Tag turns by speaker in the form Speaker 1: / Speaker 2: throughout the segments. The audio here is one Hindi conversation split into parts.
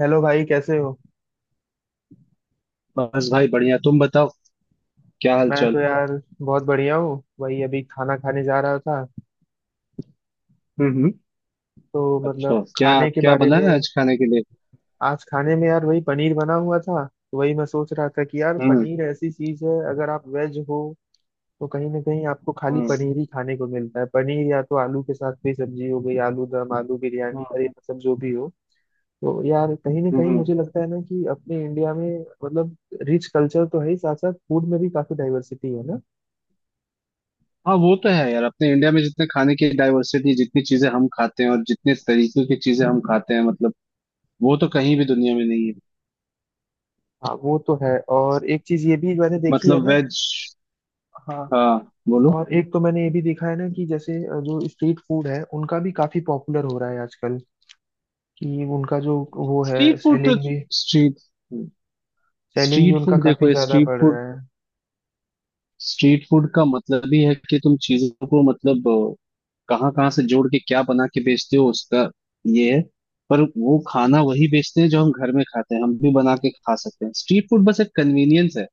Speaker 1: हेलो भाई कैसे हो।
Speaker 2: बस भाई बढ़िया। तुम बताओ क्या हाल
Speaker 1: मैं
Speaker 2: चाल।
Speaker 1: तो यार बहुत बढ़िया हूँ, वही अभी खाना खाने जा रहा था।
Speaker 2: हम्म हम्म।
Speaker 1: तो
Speaker 2: अच्छा,
Speaker 1: मतलब
Speaker 2: क्या
Speaker 1: खाने के
Speaker 2: क्या
Speaker 1: बारे
Speaker 2: बना है
Speaker 1: में,
Speaker 2: आज खाने के लिए?
Speaker 1: आज खाने में यार वही पनीर बना हुआ था। तो वही मैं सोच रहा था कि यार
Speaker 2: हम्म
Speaker 1: पनीर ऐसी चीज है, अगर आप वेज हो तो कहीं ना कहीं आपको खाली
Speaker 2: हम्म
Speaker 1: पनीर ही खाने को मिलता है। पनीर या तो आलू के साथ कोई सब्जी हो गई, आलू दम, आलू बिरयानी, अरे
Speaker 2: हम्म
Speaker 1: मतलब जो भी हो। तो यार कहीं ना कहीं
Speaker 2: हम्म।
Speaker 1: मुझे लगता है ना कि अपने इंडिया में मतलब रिच कल्चर तो है ही, साथ साथ फूड में भी काफी डाइवर्सिटी है ना।
Speaker 2: हाँ, वो तो है यार। अपने इंडिया में जितने खाने की डाइवर्सिटी, जितनी चीजें हम खाते हैं और जितने तरीके की चीजें हम खाते हैं मतलब, वो तो कहीं भी दुनिया में नहीं है।
Speaker 1: हाँ वो तो है, और एक चीज ये भी मैंने देखी है
Speaker 2: मतलब
Speaker 1: ना।
Speaker 2: वेज।
Speaker 1: हाँ।
Speaker 2: हाँ। बोलो।
Speaker 1: और एक तो मैंने ये भी देखा है ना कि जैसे जो स्ट्रीट फूड है उनका भी काफी पॉपुलर हो रहा है आजकल, कि उनका जो वो है
Speaker 2: स्ट्रीट फूड तो।
Speaker 1: सेलिंग भी,
Speaker 2: स्ट्रीट
Speaker 1: सेलिंग भी
Speaker 2: स्ट्रीट
Speaker 1: उनका
Speaker 2: फूड
Speaker 1: काफी
Speaker 2: देखो।
Speaker 1: ज्यादा
Speaker 2: स्ट्रीट
Speaker 1: बढ़
Speaker 2: फूड,
Speaker 1: रहा है।
Speaker 2: स्ट्रीट फूड का मतलब ही है कि तुम चीजों को मतलब कहाँ कहाँ से जोड़ के क्या बना के बेचते हो, उसका ये है। पर वो खाना वही बेचते हैं जो हम घर में खाते हैं, हम भी बना के खा सकते हैं। स्ट्रीट फूड बस एक कन्वीनियंस है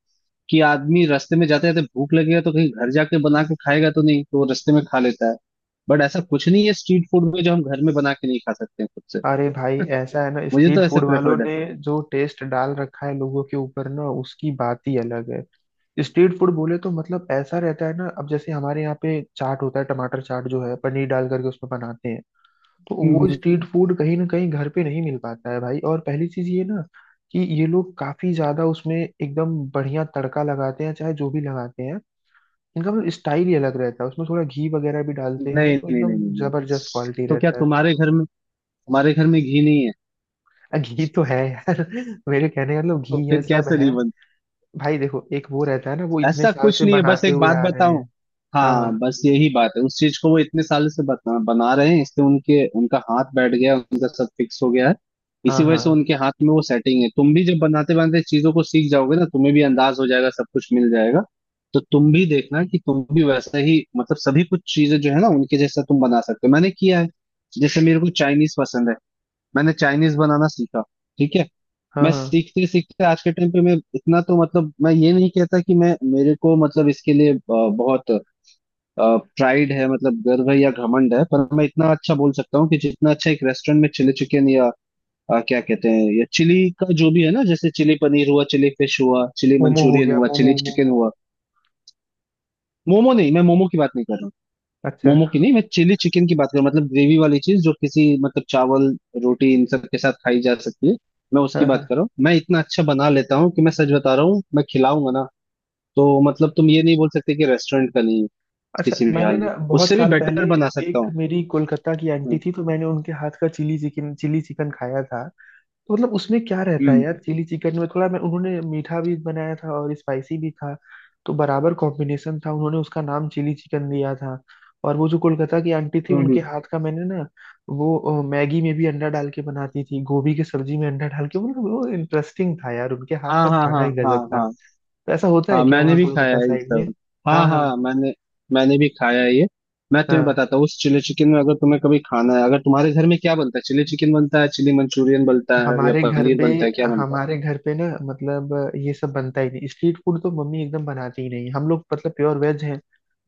Speaker 2: कि आदमी रास्ते में जाते जाते भूख लगेगा तो कहीं घर जाके बना के खाएगा तो नहीं, तो वो रास्ते में खा लेता है। बट ऐसा कुछ नहीं है स्ट्रीट फूड में जो हम घर में बना के नहीं खा सकते हैं खुद से।
Speaker 1: अरे भाई ऐसा है ना,
Speaker 2: मुझे तो
Speaker 1: स्ट्रीट
Speaker 2: ऐसे
Speaker 1: फूड वालों
Speaker 2: प्रेफर्ड है।
Speaker 1: ने जो टेस्ट डाल रखा है लोगों के ऊपर ना, उसकी बात ही अलग है। स्ट्रीट फूड बोले तो मतलब ऐसा रहता है ना, अब जैसे हमारे यहाँ पे चाट होता है, टमाटर चाट जो है पनीर डाल करके उसमें बनाते हैं। तो वो
Speaker 2: हम्म,
Speaker 1: स्ट्रीट फूड कहीं ना कहीं घर पे नहीं मिल पाता है भाई। और पहली चीज ये ना कि ये लोग काफी ज्यादा उसमें एकदम बढ़िया तड़का लगाते हैं, चाहे जो भी लगाते हैं। इनका मतलब स्टाइल ही अलग रहता है, उसमें थोड़ा घी वगैरह भी डालते
Speaker 2: नहीं
Speaker 1: हैं तो
Speaker 2: नहीं नहीं
Speaker 1: एकदम
Speaker 2: नहीं नहीं।
Speaker 1: जबरदस्त क्वालिटी
Speaker 2: तो क्या
Speaker 1: रहता है।
Speaker 2: तुम्हारे घर में घी नहीं है?
Speaker 1: घी तो है यार। मेरे कहने का मतलब
Speaker 2: तो
Speaker 1: घी है,
Speaker 2: फिर
Speaker 1: सब
Speaker 2: कैसे
Speaker 1: है।
Speaker 2: नहीं?
Speaker 1: भाई देखो एक वो रहता है ना, वो इतने
Speaker 2: ऐसा
Speaker 1: साल
Speaker 2: कुछ
Speaker 1: से
Speaker 2: नहीं है, बस
Speaker 1: बनाते
Speaker 2: एक
Speaker 1: हुए
Speaker 2: बात
Speaker 1: आ रहे
Speaker 2: बताऊं।
Speaker 1: हैं। हाँ हाँ
Speaker 2: हाँ, बस यही बात है। उस चीज को वो इतने साल से बना रहे हैं, इसलिए उनके उनका हाथ बैठ गया, उनका सब फिक्स हो गया है। इसी
Speaker 1: हाँ
Speaker 2: वजह से
Speaker 1: हाँ
Speaker 2: उनके हाथ में वो सेटिंग है। तुम भी जब बनाते बनाते चीजों को सीख जाओगे ना, तुम्हें भी अंदाज हो जाएगा, सब कुछ मिल जाएगा। तो तुम भी देखना कि तुम भी वैसा ही मतलब, सभी कुछ चीजें जो है ना, उनके जैसा तुम बना सकते हो। मैंने किया है। जैसे मेरे को चाइनीज पसंद है। मैंने चाइनीज बनाना सीखा। ठीक है।
Speaker 1: हाँ।
Speaker 2: मैं
Speaker 1: हाँ,
Speaker 2: सीखते सीखते आज के टाइम पे मैं इतना तो मतलब, मैं ये नहीं कहता कि मैं, मेरे को मतलब इसके लिए बहुत प्राइड है, मतलब गर्व है या घमंड है, पर मैं इतना अच्छा बोल सकता हूँ कि जितना अच्छा एक रेस्टोरेंट में चिली चिकन या क्या कहते हैं, या चिली का जो भी है ना, जैसे चिली पनीर हुआ, चिली फिश हुआ, चिली
Speaker 1: मोमो हो
Speaker 2: मंचूरियन
Speaker 1: गया,
Speaker 2: हुआ, चिली
Speaker 1: मोमो
Speaker 2: चिकन
Speaker 1: मोमो।
Speaker 2: हुआ। मोमो नहीं, मैं मोमो की बात नहीं कर रहा।
Speaker 1: अच्छा।
Speaker 2: मोमो की नहीं, मैं चिली चिकन की बात कर रहा हूँ। मतलब ग्रेवी वाली चीज जो किसी मतलब चावल, रोटी इन सब के साथ खाई जा सकती है। मैं उसकी
Speaker 1: हाँ हाँ।
Speaker 2: बात कर रहा हूँ। मैं इतना अच्छा बना लेता हूँ कि, मैं सच बता रहा हूँ, मैं खिलाऊंगा ना। तो मतलब तुम ये नहीं बोल सकते कि रेस्टोरेंट का नहीं है।
Speaker 1: अच्छा
Speaker 2: किसी भी
Speaker 1: मैंने
Speaker 2: हाल में
Speaker 1: ना बहुत
Speaker 2: उससे भी
Speaker 1: साल पहले
Speaker 2: बेटर बना सकता
Speaker 1: एक
Speaker 2: हूँ।
Speaker 1: मेरी कोलकाता की आंटी
Speaker 2: हम्म
Speaker 1: थी, तो मैंने उनके हाथ का चिली चिकन, चिली चिकन खाया था। तो मतलब उसमें क्या रहता है
Speaker 2: हम्म
Speaker 1: यार, चिली चिकन में थोड़ा मैं, उन्होंने मीठा भी बनाया था और स्पाइसी भी था। तो बराबर कॉम्बिनेशन था, उन्होंने उसका नाम चिली चिकन दिया था। और वो जो कोलकाता की आंटी थी
Speaker 2: हम्म हम्म।
Speaker 1: उनके हाथ का मैंने ना, वो मैगी में भी अंडा डाल के बनाती थी, गोभी की सब्जी में अंडा डाल के, मतलब वो इंटरेस्टिंग था यार, उनके हाथ
Speaker 2: हाँ
Speaker 1: का
Speaker 2: हाँ
Speaker 1: खाना
Speaker 2: हाँ
Speaker 1: ही
Speaker 2: हाँ
Speaker 1: गजब था।
Speaker 2: हाँ।
Speaker 1: तो ऐसा होता है
Speaker 2: हाँ,
Speaker 1: क्या
Speaker 2: मैंने
Speaker 1: वहाँ
Speaker 2: भी खाया
Speaker 1: कोलकाता
Speaker 2: है ये
Speaker 1: साइड में?
Speaker 2: सब।
Speaker 1: हाँ
Speaker 2: हाँ
Speaker 1: हाँ।
Speaker 2: हाँ, मैंने। मैंने भी खाया है ये। मैं तुम्हें
Speaker 1: हाँ,
Speaker 2: बताता हूँ उस चिली चिकन में। अगर तुम्हें कभी खाना है, अगर तुम्हारे घर में क्या बनता है, चिली चिकन बनता है, चिली मंचूरियन बनता है या
Speaker 1: हमारे घर
Speaker 2: पनीर
Speaker 1: पे,
Speaker 2: बनता है, क्या बनता
Speaker 1: हमारे घर पे ना मतलब ये सब बनता ही नहीं, स्ट्रीट फूड तो मम्मी एकदम बनाती ही नहीं, हम लोग मतलब प्योर वेज हैं।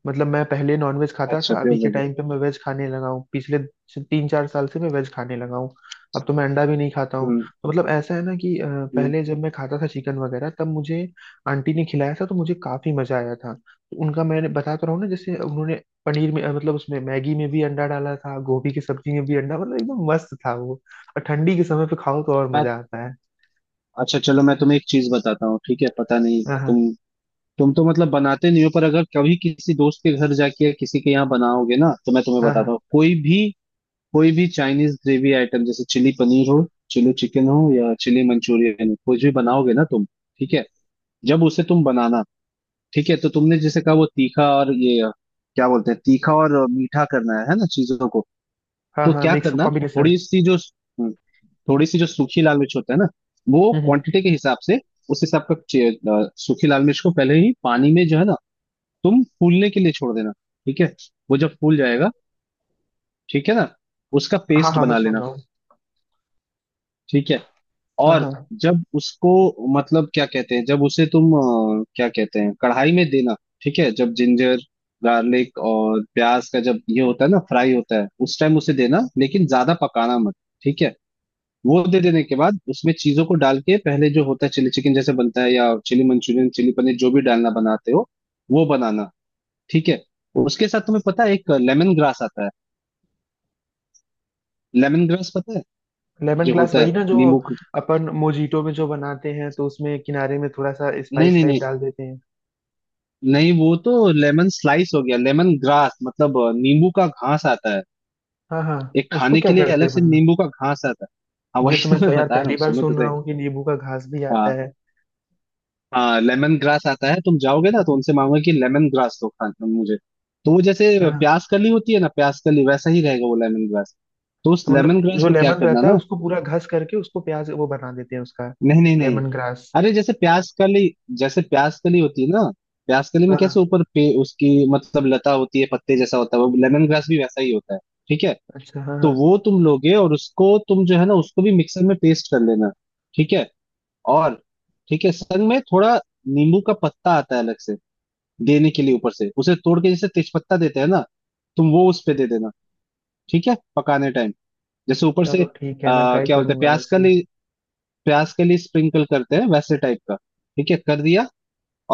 Speaker 1: मतलब मैं पहले नॉनवेज
Speaker 2: है?
Speaker 1: खाता
Speaker 2: अच्छा,
Speaker 1: था, अभी
Speaker 2: प्योर
Speaker 1: के
Speaker 2: वेज।
Speaker 1: टाइम पे मैं वेज खाने लगा हूँ, पिछले तीन चार साल से मैं वेज खाने लगा हूँ। अब तो मैं अंडा भी नहीं खाता हूँ।
Speaker 2: हम्म
Speaker 1: तो मतलब ऐसा है ना कि
Speaker 2: हम्म।
Speaker 1: पहले जब मैं खाता था चिकन वगैरह, तब मुझे आंटी ने खिलाया था तो मुझे काफी मजा आया था। तो उनका मैंने बता तो रहा हूँ ना, जैसे उन्होंने पनीर में मतलब उसमें मैगी में भी अंडा डाला था, गोभी की सब्जी में भी अंडा, मतलब एकदम मस्त था वो। और ठंडी के समय पे खाओ तो और
Speaker 2: मैं।
Speaker 1: मजा आता है।
Speaker 2: अच्छा चलो, मैं तुम्हें एक चीज बताता हूँ। ठीक है, पता नहीं
Speaker 1: हाँ हाँ
Speaker 2: तुम तो मतलब बनाते नहीं हो, पर अगर कभी किसी दोस्त के घर जाके या किसी के यहाँ बनाओगे ना, तो मैं तुम्हें
Speaker 1: हाँ
Speaker 2: बताता
Speaker 1: हाँ
Speaker 2: हूँ, कोई भी चाइनीज ग्रेवी आइटम जैसे चिली पनीर हो, चिली चिकन हो या चिली मंचूरियन हो, कुछ भी बनाओगे ना तुम। ठीक है, जब उसे तुम बनाना। ठीक है, तो तुमने जैसे कहा, वो तीखा और ये क्या बोलते हैं, तीखा और मीठा करना है ना, चीजों को।
Speaker 1: हाँ।
Speaker 2: तो
Speaker 1: हाँ
Speaker 2: क्या
Speaker 1: मिक्स
Speaker 2: करना,
Speaker 1: कॉम्बिनेशन।
Speaker 2: थोड़ी सी जो हम्म, थोड़ी सी जो सूखी लाल मिर्च होता है ना, वो
Speaker 1: हम्म हम्म।
Speaker 2: क्वांटिटी के हिसाब से, उस हिसाब का सूखी लाल मिर्च को पहले ही पानी में जो है ना, तुम फूलने के लिए छोड़ देना। ठीक है, वो जब फूल जाएगा, ठीक है ना, उसका
Speaker 1: हाँ
Speaker 2: पेस्ट
Speaker 1: हाँ, मैं
Speaker 2: बना
Speaker 1: सुन
Speaker 2: लेना।
Speaker 1: रहा हूँ।
Speaker 2: ठीक है,
Speaker 1: हाँ
Speaker 2: और
Speaker 1: हाँ।
Speaker 2: जब उसको मतलब, क्या कहते हैं, जब उसे तुम क्या कहते हैं, कढ़ाई में देना। ठीक है, जब जिंजर गार्लिक और प्याज का जब ये होता है ना, फ्राई होता है, उस टाइम उसे देना, लेकिन ज्यादा पकाना मत। ठीक है। वो दे देने के बाद उसमें चीजों को डाल के, पहले जो होता है चिली चिकन जैसे बनता है या चिली मंचूरियन, चिली पनीर, जो भी डालना बनाते हो, वो बनाना। ठीक है। उसके साथ तुम्हें पता है, एक लेमन ग्रास आता है। लेमन ग्रास पता है?
Speaker 1: लेमन
Speaker 2: जो
Speaker 1: ग्लास
Speaker 2: होता
Speaker 1: वही
Speaker 2: है
Speaker 1: ना जो
Speaker 2: नींबू का-
Speaker 1: अपन मोजीटो में जो बनाते हैं तो उसमें किनारे में थोड़ा सा
Speaker 2: नहीं
Speaker 1: स्पाइस
Speaker 2: नहीं
Speaker 1: टाइप
Speaker 2: नहीं।
Speaker 1: डाल देते हैं।
Speaker 2: नहीं, वो तो लेमन स्लाइस हो गया। लेमन ग्रास मतलब नींबू का घास आता है।
Speaker 1: हाँ हाँ।
Speaker 2: एक
Speaker 1: उसको
Speaker 2: खाने
Speaker 1: क्या
Speaker 2: के लिए
Speaker 1: करते
Speaker 2: अलग
Speaker 1: हैं
Speaker 2: से
Speaker 1: मतलब?
Speaker 2: नींबू का घास आता है। हाँ,
Speaker 1: ये
Speaker 2: वही
Speaker 1: तो
Speaker 2: तो
Speaker 1: मैं
Speaker 2: मैं
Speaker 1: यार
Speaker 2: बता रहा
Speaker 1: पहली
Speaker 2: हूँ,
Speaker 1: बार
Speaker 2: सुनो तो
Speaker 1: सुन रहा
Speaker 2: सही।
Speaker 1: हूँ कि नींबू का घास भी
Speaker 2: हाँ
Speaker 1: आता है।
Speaker 2: हाँ, लेमन ग्रास आता है। तुम जाओगे ना तो उनसे मांगोगे कि लेमन ग्रास दो खा मुझे। तो वो जैसे
Speaker 1: हाँ हाँ,
Speaker 2: प्याज कली होती है ना, प्याज कली वैसा ही रहेगा वो लेमन ग्रास। तो उस
Speaker 1: तो मतलब
Speaker 2: लेमन ग्रास
Speaker 1: जो
Speaker 2: को क्या
Speaker 1: लेमन
Speaker 2: करना
Speaker 1: रहता है
Speaker 2: ना।
Speaker 1: उसको पूरा घस करके उसको प्याज वो बना देते हैं उसका?
Speaker 2: नहीं नहीं नहीं।
Speaker 1: Lemon grass.
Speaker 2: अरे, जैसे प्याज कली होती है ना, प्याज कली में
Speaker 1: हाँ
Speaker 2: कैसे
Speaker 1: हाँ,
Speaker 2: ऊपर पे उसकी मतलब लता होती है, पत्ते जैसा होता है, वो लेमन ग्रास भी वैसा ही होता है। ठीक है।
Speaker 1: अच्छा हाँ
Speaker 2: तो
Speaker 1: हाँ।
Speaker 2: वो तुम लोगे और उसको तुम जो है ना, उसको भी मिक्सर में पेस्ट कर लेना। ठीक है, और ठीक है, संग में थोड़ा नींबू का पत्ता आता है अलग से देने के लिए, ऊपर से उसे तोड़ के, जैसे तेजपत्ता देते हैं ना, तुम वो उस पे दे देना। ठीक है, पकाने टाइम जैसे ऊपर से।
Speaker 1: चलो ठीक है, मैं ट्राई
Speaker 2: क्या बोलते हैं,
Speaker 1: करूंगा वैसे।
Speaker 2: प्याज के लिए स्प्रिंकल करते हैं वैसे टाइप का। ठीक है, कर दिया।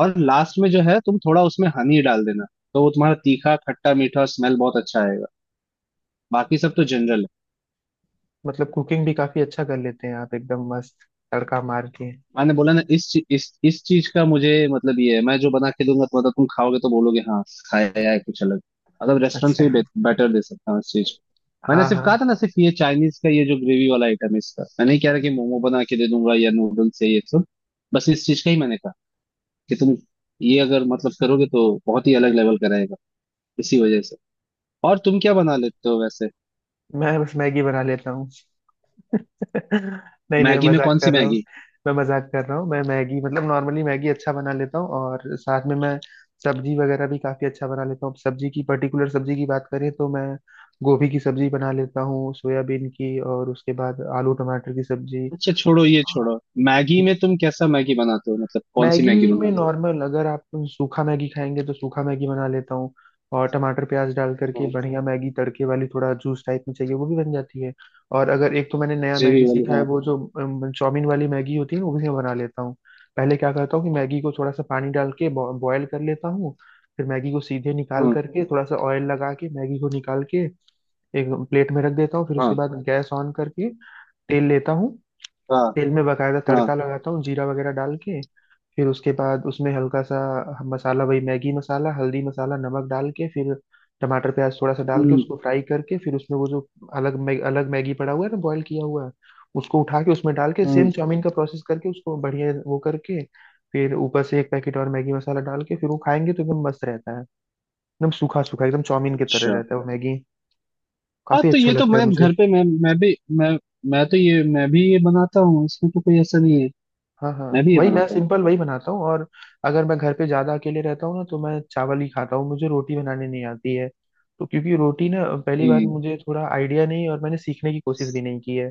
Speaker 2: और लास्ट में जो है, तुम थोड़ा उसमें हनी डाल देना। तो वो तुम्हारा तीखा, खट्टा, मीठा और स्मेल बहुत अच्छा आएगा। बाकी सब तो जनरल है।
Speaker 1: मतलब कुकिंग भी काफी अच्छा कर लेते हैं आप, एकदम मस्त तड़का मार के।
Speaker 2: मैंने बोला ना, इस ची- इस चीज का मुझे मतलब ये है, मैं जो बना के दूंगा तो मतलब, तुम खाओगे तो बोलोगे हाँ खाया है कुछ अलग। मतलब रेस्टोरेंट
Speaker 1: अच्छा।
Speaker 2: से भी बेटर दे सकता हूँ इस चीज को। मैंने
Speaker 1: हाँ
Speaker 2: सिर्फ
Speaker 1: हाँ।
Speaker 2: कहा था ना, सिर्फ ये चाइनीज का ये जो ग्रेवी वाला आइटम है इसका, मैं नहीं कह रहा कि मोमो बना के दे दूंगा या नूडल्स है ये सब। बस इस चीज का ही मैंने कहा कि तुम ये अगर मतलब करोगे तो बहुत ही अलग लेवल का रहेगा, इसी वजह से। और तुम क्या बना लेते हो वैसे?
Speaker 1: मैं बस मैगी बना लेता हूँ। नहीं नहीं, मैं
Speaker 2: मैगी में
Speaker 1: मजाक
Speaker 2: कौन सी
Speaker 1: कर रहा हूँ।
Speaker 2: मैगी?
Speaker 1: मैं मजाक कर रहा हूँ, मैं मैगी मतलब नॉर्मली मैगी अच्छा बना लेता हूँ, और साथ में मैं सब्जी वगैरह भी काफी अच्छा बना लेता हूँ। सब्जी की पर्टिकुलर सब्जी की बात करें तो मैं गोभी की सब्जी बना लेता हूँ, सोयाबीन की, और उसके बाद आलू टमाटर की सब्जी।
Speaker 2: अच्छा छोड़ो ये, छोड़ो। मैगी में तुम कैसा मैगी बनाते हो? मतलब कौन सी
Speaker 1: मैगी
Speaker 2: मैगी
Speaker 1: में
Speaker 2: बनाते
Speaker 1: नॉर्मल अगर आप सूखा मैगी खाएंगे तो सूखा मैगी बना लेता हूँ, और टमाटर प्याज डाल करके
Speaker 2: हो?
Speaker 1: बढ़िया मैगी तड़के वाली, थोड़ा जूस टाइप में चाहिए वो भी बन जाती है। और अगर, एक तो मैंने नया
Speaker 2: ग्रेवी
Speaker 1: मैगी
Speaker 2: वाली?
Speaker 1: सीखा है, वो जो चाउमीन वाली मैगी होती है ना, वो भी मैं बना लेता हूँ। पहले क्या करता हूँ कि मैगी को थोड़ा सा पानी डाल के बॉयल कर लेता हूँ, फिर मैगी को सीधे निकाल
Speaker 2: हाँ
Speaker 1: करके थोड़ा सा ऑयल लगा के मैगी को निकाल के एक प्लेट में रख देता हूँ। फिर उसके
Speaker 2: हाँ
Speaker 1: बाद गैस ऑन करके तेल लेता हूँ,
Speaker 2: हाँ
Speaker 1: तेल में बकायदा
Speaker 2: हाँ हाँ।
Speaker 1: तड़का लगाता हूँ जीरा वगैरह डाल के। फिर उसके बाद उसमें हल्का सा मसाला, वही मैगी मसाला, हल्दी मसाला नमक डाल के, फिर टमाटर प्याज थोड़ा सा डाल के
Speaker 2: हम्म
Speaker 1: उसको फ्राई करके, फिर उसमें वो जो अलग मैगी पड़ा हुआ है ना, बॉईल किया हुआ, उसको उठा के उसमें डाल के
Speaker 2: हम्म।
Speaker 1: सेम चाउमीन का प्रोसेस करके उसको बढ़िया वो करके, फिर ऊपर से एक पैकेट और मैगी मसाला डाल के, फिर वो खाएंगे तो एकदम मस्त रहता है। एकदम सूखा सूखा एकदम चाउमीन की तरह
Speaker 2: अच्छा।
Speaker 1: रहता है वो मैगी,
Speaker 2: हाँ,
Speaker 1: काफी
Speaker 2: तो
Speaker 1: अच्छा
Speaker 2: ये तो
Speaker 1: लगता है
Speaker 2: मैं
Speaker 1: मुझे।
Speaker 2: घर पे, मैं भी ये बनाता हूँ। इसमें तो कोई ऐसा नहीं है।
Speaker 1: हाँ हाँ।
Speaker 2: मैं भी ये
Speaker 1: वही मैं
Speaker 2: बनाता हूँ।
Speaker 1: सिंपल वही बनाता हूँ। और अगर मैं घर पे ज्यादा अकेले रहता हूँ ना तो मैं चावल ही खाता हूँ, मुझे रोटी बनाने नहीं आती है। तो क्योंकि रोटी ना, पहली बात
Speaker 2: हम्म
Speaker 1: मुझे थोड़ा आइडिया नहीं है, और मैंने सीखने की कोशिश भी नहीं की है।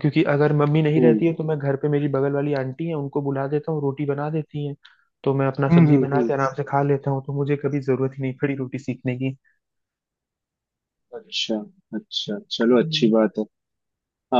Speaker 1: क्योंकि अगर मम्मी नहीं रहती
Speaker 2: हम्म
Speaker 1: है तो मैं घर पे मेरी बगल वाली आंटी है उनको बुला देता हूँ, रोटी बना देती हैं। तो मैं अपना
Speaker 2: हम्म
Speaker 1: सब्जी
Speaker 2: हम्म
Speaker 1: बना
Speaker 2: हम्म।
Speaker 1: के आराम से खा लेता हूँ। तो मुझे कभी जरूरत ही नहीं पड़ी रोटी सीखने
Speaker 2: अच्छा, अच्छा, चलो अच्छी
Speaker 1: की।
Speaker 2: बात है।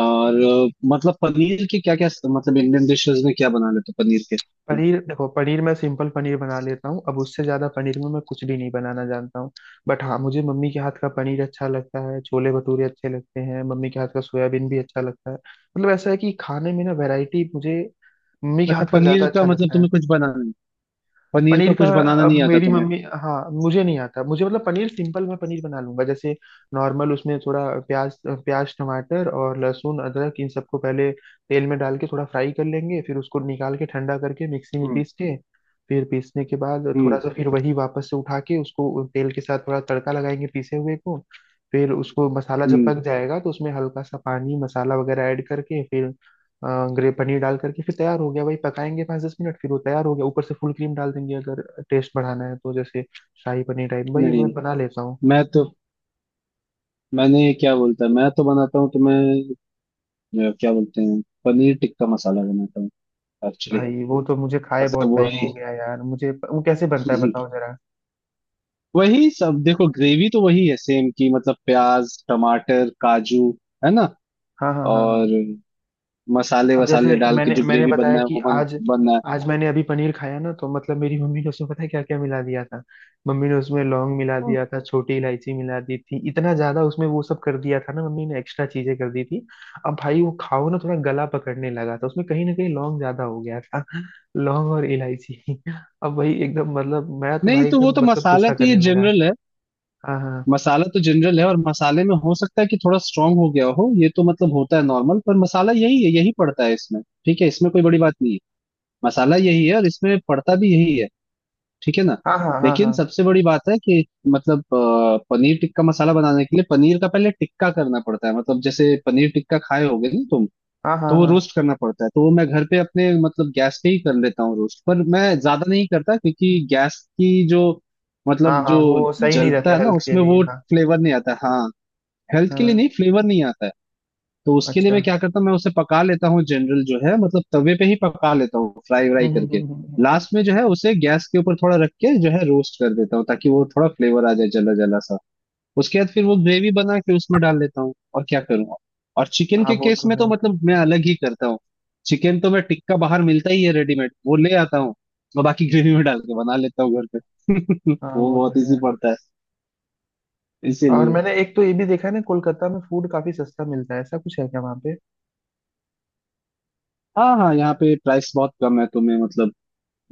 Speaker 2: और मतलब पनीर के क्या क्या, मतलब इंडियन डिशेस में क्या बना लेते हो पनीर के तुम?
Speaker 1: पनीर देखो, पनीर मैं सिंपल पनीर बना लेता हूँ, अब उससे ज्यादा पनीर में मैं कुछ भी नहीं बनाना जानता हूँ। बट हाँ, मुझे मम्मी के हाथ का पनीर अच्छा लगता है, छोले भटूरे अच्छे लगते हैं मम्मी के हाथ का, सोयाबीन भी अच्छा लगता है। मतलब ऐसा है कि खाने में ना वैरायटी मुझे मम्मी के
Speaker 2: अच्छा
Speaker 1: हाथ का ज्यादा
Speaker 2: पनीर का
Speaker 1: अच्छा
Speaker 2: मतलब
Speaker 1: लगता है।
Speaker 2: तुम्हें कुछ बनाना नहीं, पनीर का
Speaker 1: पनीर का
Speaker 2: कुछ बनाना
Speaker 1: अब
Speaker 2: नहीं आता
Speaker 1: मेरी
Speaker 2: तुम्हें?
Speaker 1: मम्मी, हाँ मुझे नहीं आता, मुझे मतलब पनीर सिंपल मैं पनीर बना लूंगा जैसे नॉर्मल, उसमें थोड़ा प्याज प्याज टमाटर और लहसुन अदरक इन सबको पहले तेल में डाल के थोड़ा फ्राई कर लेंगे, फिर उसको निकाल के ठंडा करके मिक्सी में
Speaker 2: हम्म
Speaker 1: पीस के, फिर पीसने के बाद थोड़ा
Speaker 2: हम्म
Speaker 1: सा फिर वही वापस से उठा के उसको तेल के साथ थोड़ा तड़का लगाएंगे पीसे हुए को, फिर उसको मसाला जब
Speaker 2: हम्म।
Speaker 1: पक जाएगा तो उसमें हल्का सा पानी मसाला वगैरह ऐड करके, फिर ग्रे पनीर डाल करके फिर तैयार हो गया भाई, पकाएंगे पाँच दस मिनट फिर वो तैयार हो गया, ऊपर से फुल क्रीम डाल देंगे अगर टेस्ट बढ़ाना है तो, जैसे शाही पनीर टाइप भाई
Speaker 2: नहीं,
Speaker 1: मैं बना लेता हूँ।
Speaker 2: मैं तो, मैंने क्या बोलता है, मैं तो बनाता हूँ, तो मैं क्या बोलते हैं, पनीर टिक्का मसाला बनाता हूँ एक्चुअली।
Speaker 1: भाई वो तो मुझे खाए
Speaker 2: मतलब
Speaker 1: बहुत टाइम हो
Speaker 2: वही।
Speaker 1: गया यार, मुझे वो कैसे बनता है बताओ जरा।
Speaker 2: वही सब देखो, ग्रेवी तो वही है सेम की, मतलब प्याज, टमाटर, काजू, है ना।
Speaker 1: हाँ हाँ हाँ हाँ।
Speaker 2: और मसाले
Speaker 1: अब
Speaker 2: वसाले
Speaker 1: जैसे
Speaker 2: डाल के
Speaker 1: मैंने
Speaker 2: जो
Speaker 1: मैंने
Speaker 2: ग्रेवी
Speaker 1: बताया
Speaker 2: बनना है
Speaker 1: कि
Speaker 2: वो बन
Speaker 1: आज,
Speaker 2: बनना है।
Speaker 1: आज मैंने अभी पनीर खाया ना, तो मतलब मेरी मम्मी ने उसमें पता है क्या क्या मिला दिया था, मम्मी ने उसमें लौंग मिला
Speaker 2: हम्म।
Speaker 1: दिया था, छोटी इलायची मिला दी थी, इतना ज्यादा उसमें वो सब कर दिया था ना मम्मी ने, एक्स्ट्रा चीजें कर दी थी। अब भाई वो खाओ ना थोड़ा गला पकड़ने लगा था, उसमें कहीं ना कहीं लौंग ज्यादा हो गया था, लौंग और इलायची। अब वही एकदम मतलब मैं तो
Speaker 2: नहीं,
Speaker 1: भाई
Speaker 2: तो वो
Speaker 1: एकदम
Speaker 2: तो
Speaker 1: मतलब
Speaker 2: मसाला
Speaker 1: गुस्सा
Speaker 2: तो ये
Speaker 1: करने लगा।
Speaker 2: जनरल है।
Speaker 1: हाँ हाँ
Speaker 2: मसाला तो जनरल है, और मसाले में हो सकता है कि थोड़ा स्ट्रांग हो गया हो, ये तो मतलब होता है नॉर्मल। पर मसाला यही है, यही पड़ता है इसमें, ठीक है, इसमें कोई बड़ी बात नहीं है। मसाला यही है और इसमें पड़ता भी यही है, ठीक है ना।
Speaker 1: हाँ हाँ हाँ
Speaker 2: लेकिन सबसे बड़ी बात है कि मतलब, पनीर टिक्का मसाला बनाने के लिए पनीर का पहले टिक्का करना पड़ता है, मतलब जैसे पनीर टिक्का खाए होगे ना तुम।
Speaker 1: हाँ
Speaker 2: तो
Speaker 1: हाँ
Speaker 2: वो
Speaker 1: हाँ
Speaker 2: रोस्ट करना पड़ता है, तो वो मैं घर पे अपने मतलब गैस पे ही कर लेता हूँ रोस्ट, पर मैं ज्यादा नहीं करता क्योंकि गैस की जो
Speaker 1: हाँ
Speaker 2: मतलब
Speaker 1: हाँ
Speaker 2: जो
Speaker 1: हाँ, वो सही नहीं
Speaker 2: जलता
Speaker 1: रहता
Speaker 2: है ना
Speaker 1: हेल्थ के
Speaker 2: उसमें,
Speaker 1: लिए,
Speaker 2: वो
Speaker 1: हाँ।
Speaker 2: फ्लेवर नहीं आता। हाँ, हेल्थ के लिए
Speaker 1: हाँ।
Speaker 2: नहीं, फ्लेवर नहीं आता है। तो उसके लिए
Speaker 1: अच्छा।
Speaker 2: मैं क्या करता हूँ, मैं उसे पका लेता हूँ, जनरल जो है मतलब तवे पे ही पका लेता हूँ फ्राई व्राई करके।
Speaker 1: हम्म।
Speaker 2: लास्ट में जो है उसे गैस के ऊपर थोड़ा रख के जो है रोस्ट कर देता हूँ, ताकि वो थोड़ा फ्लेवर आ जाए, जला जला सा। उसके बाद फिर वो ग्रेवी बना के उसमें डाल लेता हूँ, और क्या करूँगा। और चिकन
Speaker 1: हाँ
Speaker 2: के
Speaker 1: वो
Speaker 2: केस
Speaker 1: तो
Speaker 2: में तो
Speaker 1: है।
Speaker 2: मतलब मैं अलग ही करता हूँ। चिकन तो मैं टिक्का, बाहर मिलता ही है रेडीमेड, वो ले आता हूँ, और बाकी ग्रेवी में डाल के बना लेता हूँ घर पे।
Speaker 1: हाँ
Speaker 2: वो
Speaker 1: वो तो
Speaker 2: बहुत इजी
Speaker 1: है।
Speaker 2: पड़ता है,
Speaker 1: और
Speaker 2: इसीलिए।
Speaker 1: मैंने एक तो ये भी देखा है ना, कोलकाता में फूड काफी सस्ता मिलता है, ऐसा कुछ है क्या वहाँ पे?
Speaker 2: हाँ हाँ, यहाँ पे प्राइस बहुत कम है, तो मैं मतलब,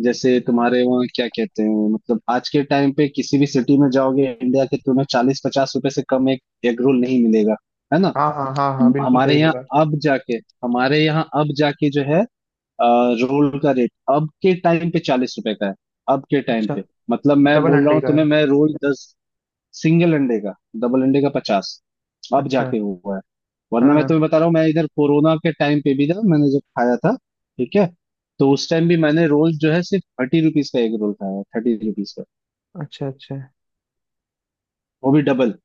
Speaker 2: जैसे तुम्हारे वहाँ क्या कहते हैं, मतलब आज के टाइम पे किसी भी सिटी में जाओगे इंडिया के, तुम्हें 40-50 रुपए से कम एक एग रोल नहीं मिलेगा, है ना।
Speaker 1: हाँ हाँ हाँ हाँ, बिल्कुल
Speaker 2: हमारे
Speaker 1: सही
Speaker 2: यहाँ
Speaker 1: बोला।
Speaker 2: अब जाके हमारे यहाँ अब जाके जो है, रोल का रेट अब के टाइम पे 40 रुपए का है, अब के टाइम
Speaker 1: अच्छा,
Speaker 2: पे। मतलब मैं
Speaker 1: डबल
Speaker 2: बोल रहा
Speaker 1: अंडे
Speaker 2: हूँ
Speaker 1: का
Speaker 2: तुम्हें,
Speaker 1: है?
Speaker 2: मैं, रोल 10, सिंगल अंडे का, डबल अंडे का 50, अब
Speaker 1: अच्छा
Speaker 2: जाके हुआ है।
Speaker 1: हाँ
Speaker 2: वरना मैं
Speaker 1: हाँ।
Speaker 2: तुम्हें बता रहा हूँ, मैं इधर कोरोना के टाइम पे भी ना, मैंने जब खाया था, ठीक है, तो उस टाइम भी मैंने रोल जो है सिर्फ 30 रुपीज का एक रोल खाया, 30 रुपीज का,
Speaker 1: अच्छा अच्छा।
Speaker 2: वो भी डबल।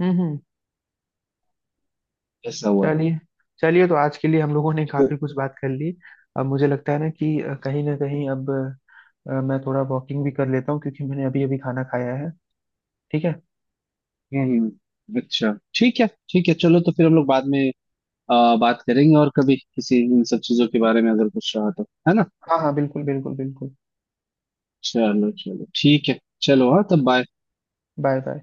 Speaker 1: हम्म।
Speaker 2: ऐसा हुआ है।
Speaker 1: चलिए, चलिए तो आज के लिए हम लोगों ने
Speaker 2: तो-
Speaker 1: काफी कुछ बात कर ली। अब मुझे लगता है ना कि कहीं ना कहीं अब मैं थोड़ा वॉकिंग भी कर लेता हूँ, क्योंकि मैंने अभी अभी खाना खाया है। ठीक है।
Speaker 2: अच्छा, ठीक है ठीक है, चलो तो फिर हम लोग बाद में बात करेंगे, और कभी किसी इन सब चीजों के बारे में अगर कुछ रहा तो, है ना।
Speaker 1: हाँ हाँ बिल्कुल बिल्कुल बिल्कुल।
Speaker 2: चलो चलो ठीक है। चलो हाँ, तब बाय।
Speaker 1: Bye bye.